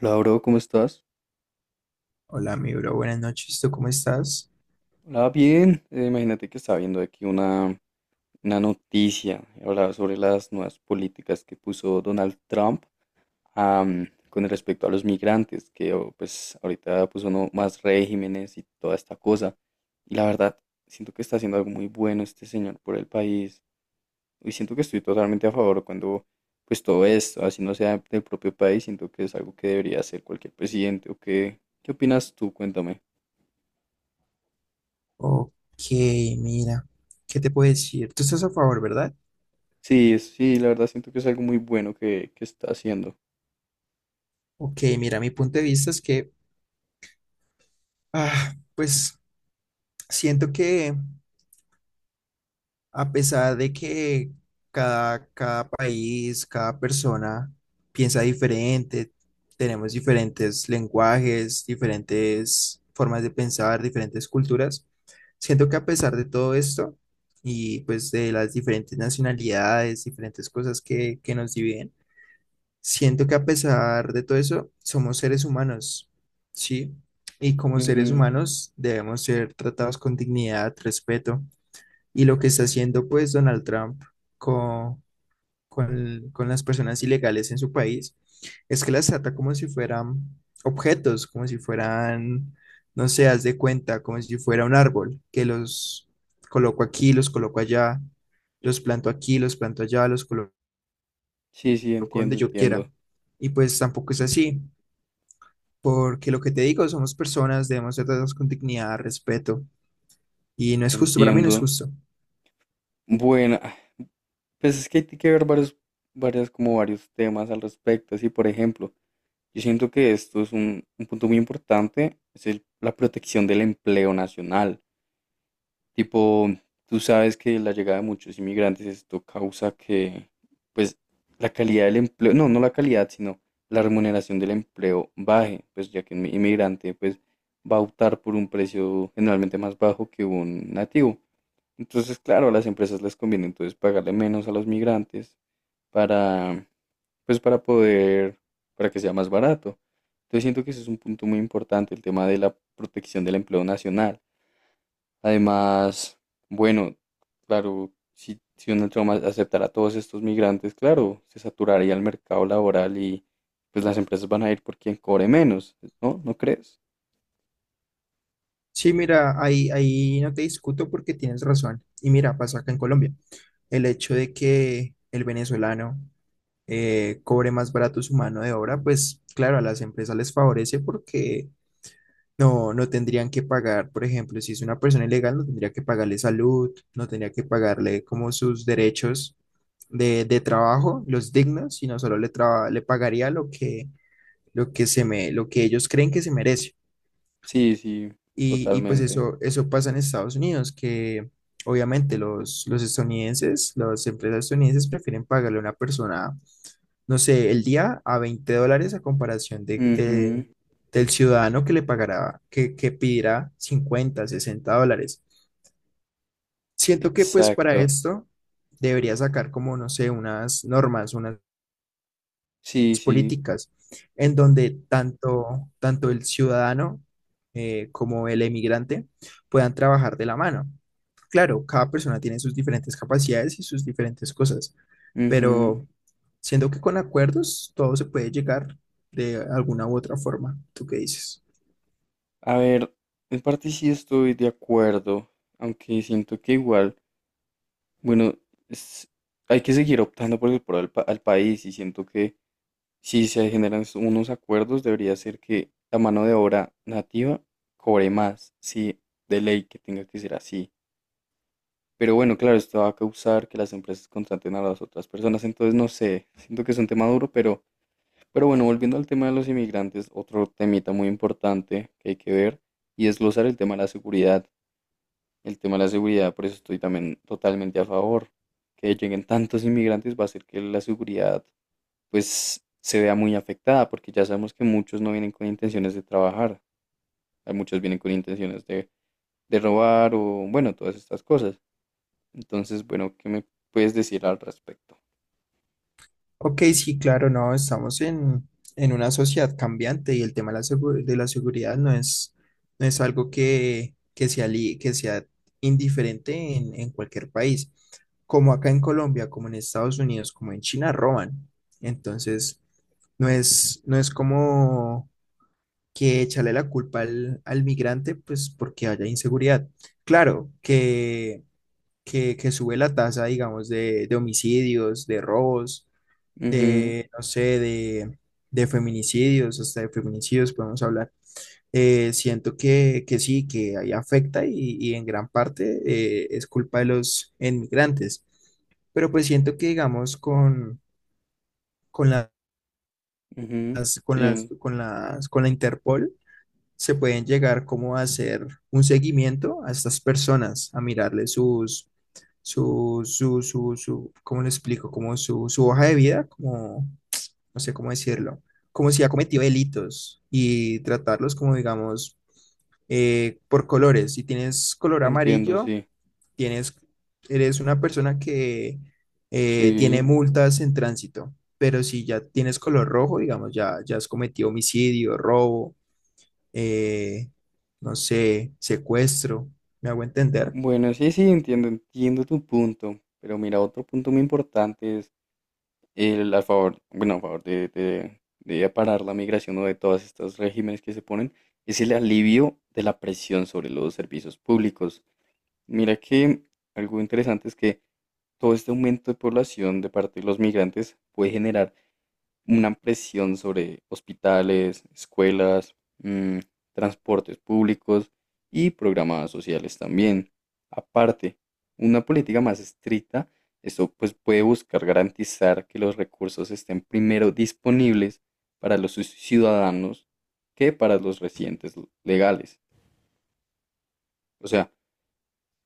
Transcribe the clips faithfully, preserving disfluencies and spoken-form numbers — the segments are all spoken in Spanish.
Hola, bro, ¿cómo estás? Hola, mi bro, buenas noches. ¿Tú cómo estás? Hola, bien. Eh, imagínate que estaba viendo aquí una, una noticia. Hablaba sobre las nuevas políticas que puso Donald Trump am, con respecto a los migrantes, que oh, pues ahorita puso no- más regímenes y toda esta cosa. Y la verdad, siento que está haciendo algo muy bueno este señor por el país. Y siento que estoy totalmente a favor cuando pues todo esto, así no sea del propio país, siento que es algo que debería hacer cualquier presidente. ¿O qué, qué opinas tú? Cuéntame. Ok, mira, ¿qué te puedo decir? Tú estás a favor, ¿verdad? Sí, es- sí, la verdad siento que es algo muy bueno que, que está haciendo. Ok, mira, mi punto de vista es que, ah, pues siento que a pesar de que cada, cada país, cada persona piensa diferente, tenemos diferentes lenguajes, diferentes formas de pensar, diferentes culturas, siento que a pesar de todo esto y pues de las diferentes nacionalidades, diferentes cosas que, que nos dividen, siento que a pesar de todo eso somos seres humanos, ¿sí? Y como seres Ujú. humanos debemos ser tratados con dignidad, respeto. Y lo que está haciendo pues Donald Trump con, con, con las personas ilegales en su país es que las trata como si fueran objetos, como si fueran, no sé, haz de cuenta, como si fuera un árbol, que los coloco aquí, los coloco allá, los planto aquí, los planto allá, los coloco Sí, sí, entiendo, donde yo entiendo, quiera. Y pues tampoco es así, porque lo que te digo, somos personas, debemos tratarnos con dignidad, respeto, y no es justo, para mí no es entiendo. justo. Bueno, ah, pues es que hay que ver varios, varias, como varios temas al respecto. Así, por ejemplo, yo siento que esto es un, un punto muy importante, es el- la protección del empleo nacional. Tipo, tú sabes que la llegada de muchos inmigrantes, esto causa que, pues, la calidad del empleo, no, no la calidad, sino la remuneración del empleo baje, pues ya que un inmigrante, pues, va a optar por un precio generalmente más bajo que un nativo. Entonces, claro, a las empresas les conviene entonces pagarle menos a los migrantes para, pues, para poder, para que sea más barato. Entonces, siento que ese es un punto muy importante, el tema de la protección del empleo nacional. Además, bueno, claro, si, si Donald Trump a- aceptara a todos estos migrantes, claro, se saturaría el mercado laboral y pues las empresas van a ir por quien cobre menos, ¿no? ¿No crees? Sí, mira, ahí, ahí no te discuto porque tienes razón. Y mira, pasó acá en Colombia. El hecho de que el venezolano eh, cobre más barato su mano de obra, pues claro, a las empresas les favorece porque no, no tendrían que pagar, por ejemplo, si es una persona ilegal, no tendría que pagarle salud, no tendría que pagarle como sus derechos de, de trabajo, los dignos, sino solo le, traba- le pagaría lo que, lo que se me, lo que ellos creen que se merece. Sí, sí, Y, y pues totalmente. eso, eso pasa en Estados Unidos, que obviamente los, los estadounidenses, las empresas estadounidenses prefieren pagarle a una persona, no sé, el día a veinte dólares a comparación de, de- Ujú, del ciudadano que le pagará, que, que pedirá cincuenta sesenta dólares. Siento que pues para exacto. esto debería sacar como, no sé, unas normas, unas Sí, sí. políticas, en donde tanto, tanto el ciudadano eh, como el emigrante puedan trabajar de la mano. Claro, cada persona tiene sus diferentes capacidades y sus diferentes cosas, Ujú. pero siendo que con acuerdos todo se puede llegar de alguna u otra forma. ¿Tú qué dices? A ver, en parte sí estoy de acuerdo, aunque siento que igual, bueno, es- hay que seguir optando por el pro al, pa- al país y siento que si se generan s- unos acuerdos, debería ser que la mano de obra nativa cobre más, sí, de ley que tenga que ser así. Pero bueno, claro, esto va a causar que las empresas contraten a las otras personas, entonces no sé, siento que es un tema duro, pero, pero bueno, volviendo al tema de los inmigrantes, otro temita muy importante que hay que ver y desglosar el tema de la seguridad. El tema de la seguridad, por eso estoy también totalmente a favor. Que lleguen tantos inmigrantes va a hacer que la seguridad pues se vea muy afectada, porque ya sabemos que muchos no vienen con intenciones de trabajar, hay muchos vienen con intenciones de, de robar o bueno, todas estas cosas. Entonces, bueno, ¿qué me puedes decir al respecto? Ok, sí, claro, no, estamos en, en una sociedad cambiante y el tema de la, segu- de la seguridad no es, no es algo que, que sea, li- que sea indiferente en, en cualquier país. Como acá en Colombia, como en Estados Unidos, como en China, roban. Entonces, no es, no es como que echarle la culpa al, al migrante, pues porque haya inseguridad. Claro, que, que, que sube la tasa, digamos, de, de homicidios, de robos Ujú, de, no sé, de, de feminicidios, hasta de feminicidios podemos hablar. Eh, siento que, que sí, que ahí afecta y, y en gran parte eh, es culpa de los inmigrantes. Pero pues siento que, digamos, con, con las, ujú, con las, sí, con las, con la Interpol se pueden llegar como a hacer un seguimiento a estas personas, a mirarle sus, su, su, su, su, ¿cómo le explico? Como su, su hoja de vida, como no sé cómo decirlo, como si ha cometido delitos y tratarlos como, digamos, eh, por colores. Si tienes color entiendo, amarillo, sí, tienes, eres una persona que eh, tiene sí. multas en tránsito, pero si ya tienes color rojo, digamos, ya, ya has cometido homicidio, robo, eh, no sé, secuestro, ¿me hago entender? Bueno, sí, sí, entiendo, entiendo tu punto, pero mira, otro punto muy importante es el- a favor, bueno, a favor de, de- de parar la migración o de todos estos regímenes que se ponen, es el alivio de la presión sobre los servicios públicos. Mira que algo interesante es que todo este aumento de población de parte de los migrantes puede generar una presión sobre hospitales, escuelas, mm, transportes públicos y programas sociales también. Aparte, una política más estricta, eso pues puede buscar garantizar que los recursos estén primero disponibles para los ci- ciudadanos que para los residentes l- legales. O sea,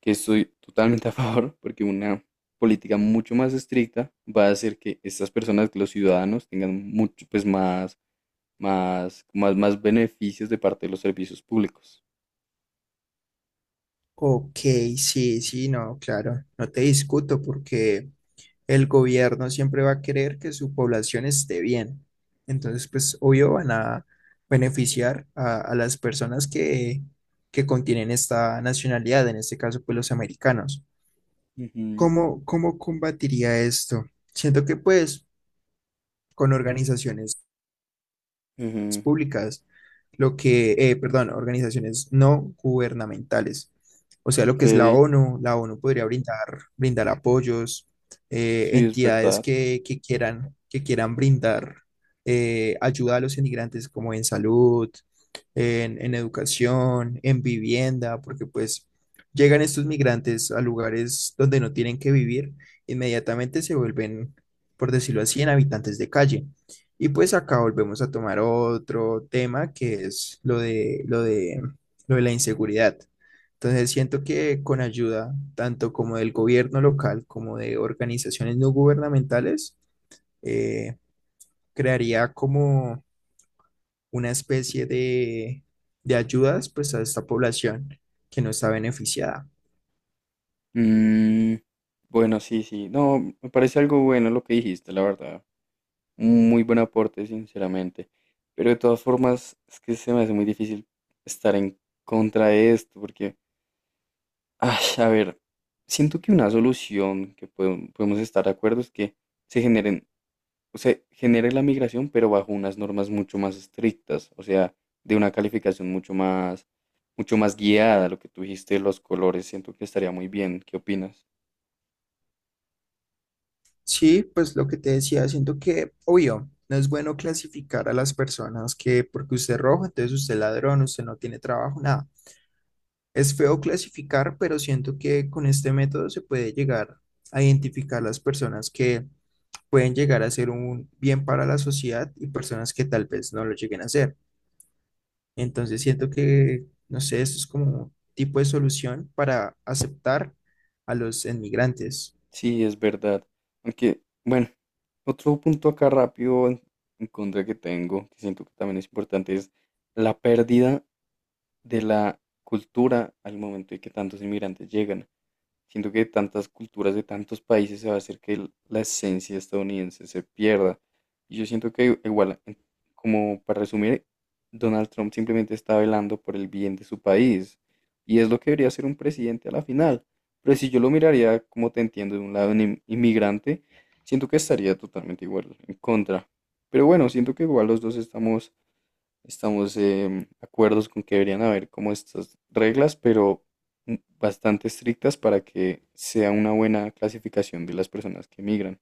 que estoy totalmente a favor porque una política mucho más estricta va a hacer que estas personas, que los ciudadanos, tengan mucho pues más más, más, más beneficios de parte de los servicios públicos. Ok, sí, sí, no, claro, no te discuto porque el gobierno siempre va a querer que su población esté bien. Entonces, pues obvio van a beneficiar a, a las personas que, que contienen esta nacionalidad, en este caso, pues los americanos. Ujú. ¿Cómo, cómo combatiría esto? Siento que pues con organizaciones Ujú. públicas, lo que, eh, perdón, organizaciones no gubernamentales, o sea, Ok, lo que es la sí, ONU, la ONU podría brindar, brindar apoyos, eh, es entidades verdad. que, que quieran, que quieran brindar eh, ayuda a los inmigrantes como en salud, en, en educación, en vivienda, porque pues llegan estos migrantes a lugares donde no tienen que vivir, inmediatamente se vuelven, por decirlo así, en habitantes de calle. Y pues acá volvemos a tomar otro tema que es lo de, lo de, lo de la inseguridad. Entonces siento que con ayuda tanto como del gobierno local como de organizaciones no gubernamentales, eh, crearía como una especie de, de ayudas pues a esta población que no está beneficiada. Mm, bueno, sí, sí. No, me parece algo bueno lo que dijiste, la verdad. Un muy buen aporte, sinceramente. Pero de todas formas, es que se me hace muy difícil estar en contra de esto, porque, ay, a ver, siento que una solución que podem- podemos estar de acuerdo es que se generen se genere la migración, pero bajo unas normas mucho más estrictas, o sea, de una calificación mucho más, mucho más guiada. Lo que tú dijiste de los colores, siento que estaría muy bien. ¿Qué opinas? Sí, pues lo que te decía, siento que, obvio, no es bueno clasificar a las personas que porque usted es rojo, entonces usted es ladrón, usted no tiene trabajo, nada. Es feo clasificar, pero siento que con este método se puede llegar a identificar las personas que pueden llegar a ser un bien para la sociedad y personas que tal vez no lo lleguen a ser. Entonces siento que, no sé, esto es como un tipo de solución para aceptar a los inmigrantes. Sí, es verdad. Aunque, bueno, otro punto acá rápido en, en contra que tengo, que siento que también es importante, es la pérdida de la cultura al momento de que tantos inmigrantes llegan. Siento que tantas culturas de tantos países se va a hacer que el- la esencia estadounidense se pierda. Y yo siento que igual, en- como para resumir, Donald Trump simplemente está velando por el bien de su país. Y es lo que debería hacer un presidente a la final. Pero si yo lo miraría, como te entiendo, de un lado un im- inmigrante, siento que estaría totalmente igual, en contra. Pero bueno, siento que igual los dos estamos estamos em, acuerdos con que deberían haber como estas reglas, pero mm, bastante estrictas para que sea una buena clasificación de las personas que migran.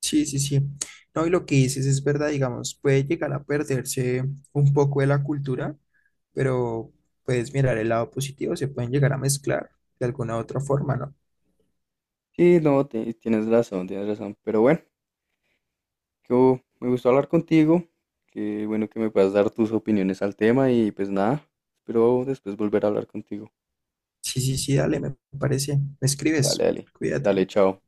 Sí, sí, sí. No, y lo que dices es verdad, digamos, puede llegar a perderse un poco de la cultura, pero puedes mirar el lado positivo, se pueden llegar a mezclar de alguna u otra forma, ¿no? Sí, no, ti- tienes razón, tienes razón. Pero bueno, yo me gustó hablar contigo. Qué bueno que me puedas dar tus opiniones al tema y pues nada, espero después volver a hablar contigo. Sí, sí, sí, dale, me parece. Me Dale, escribes. dale, Cuídate. dale, chao.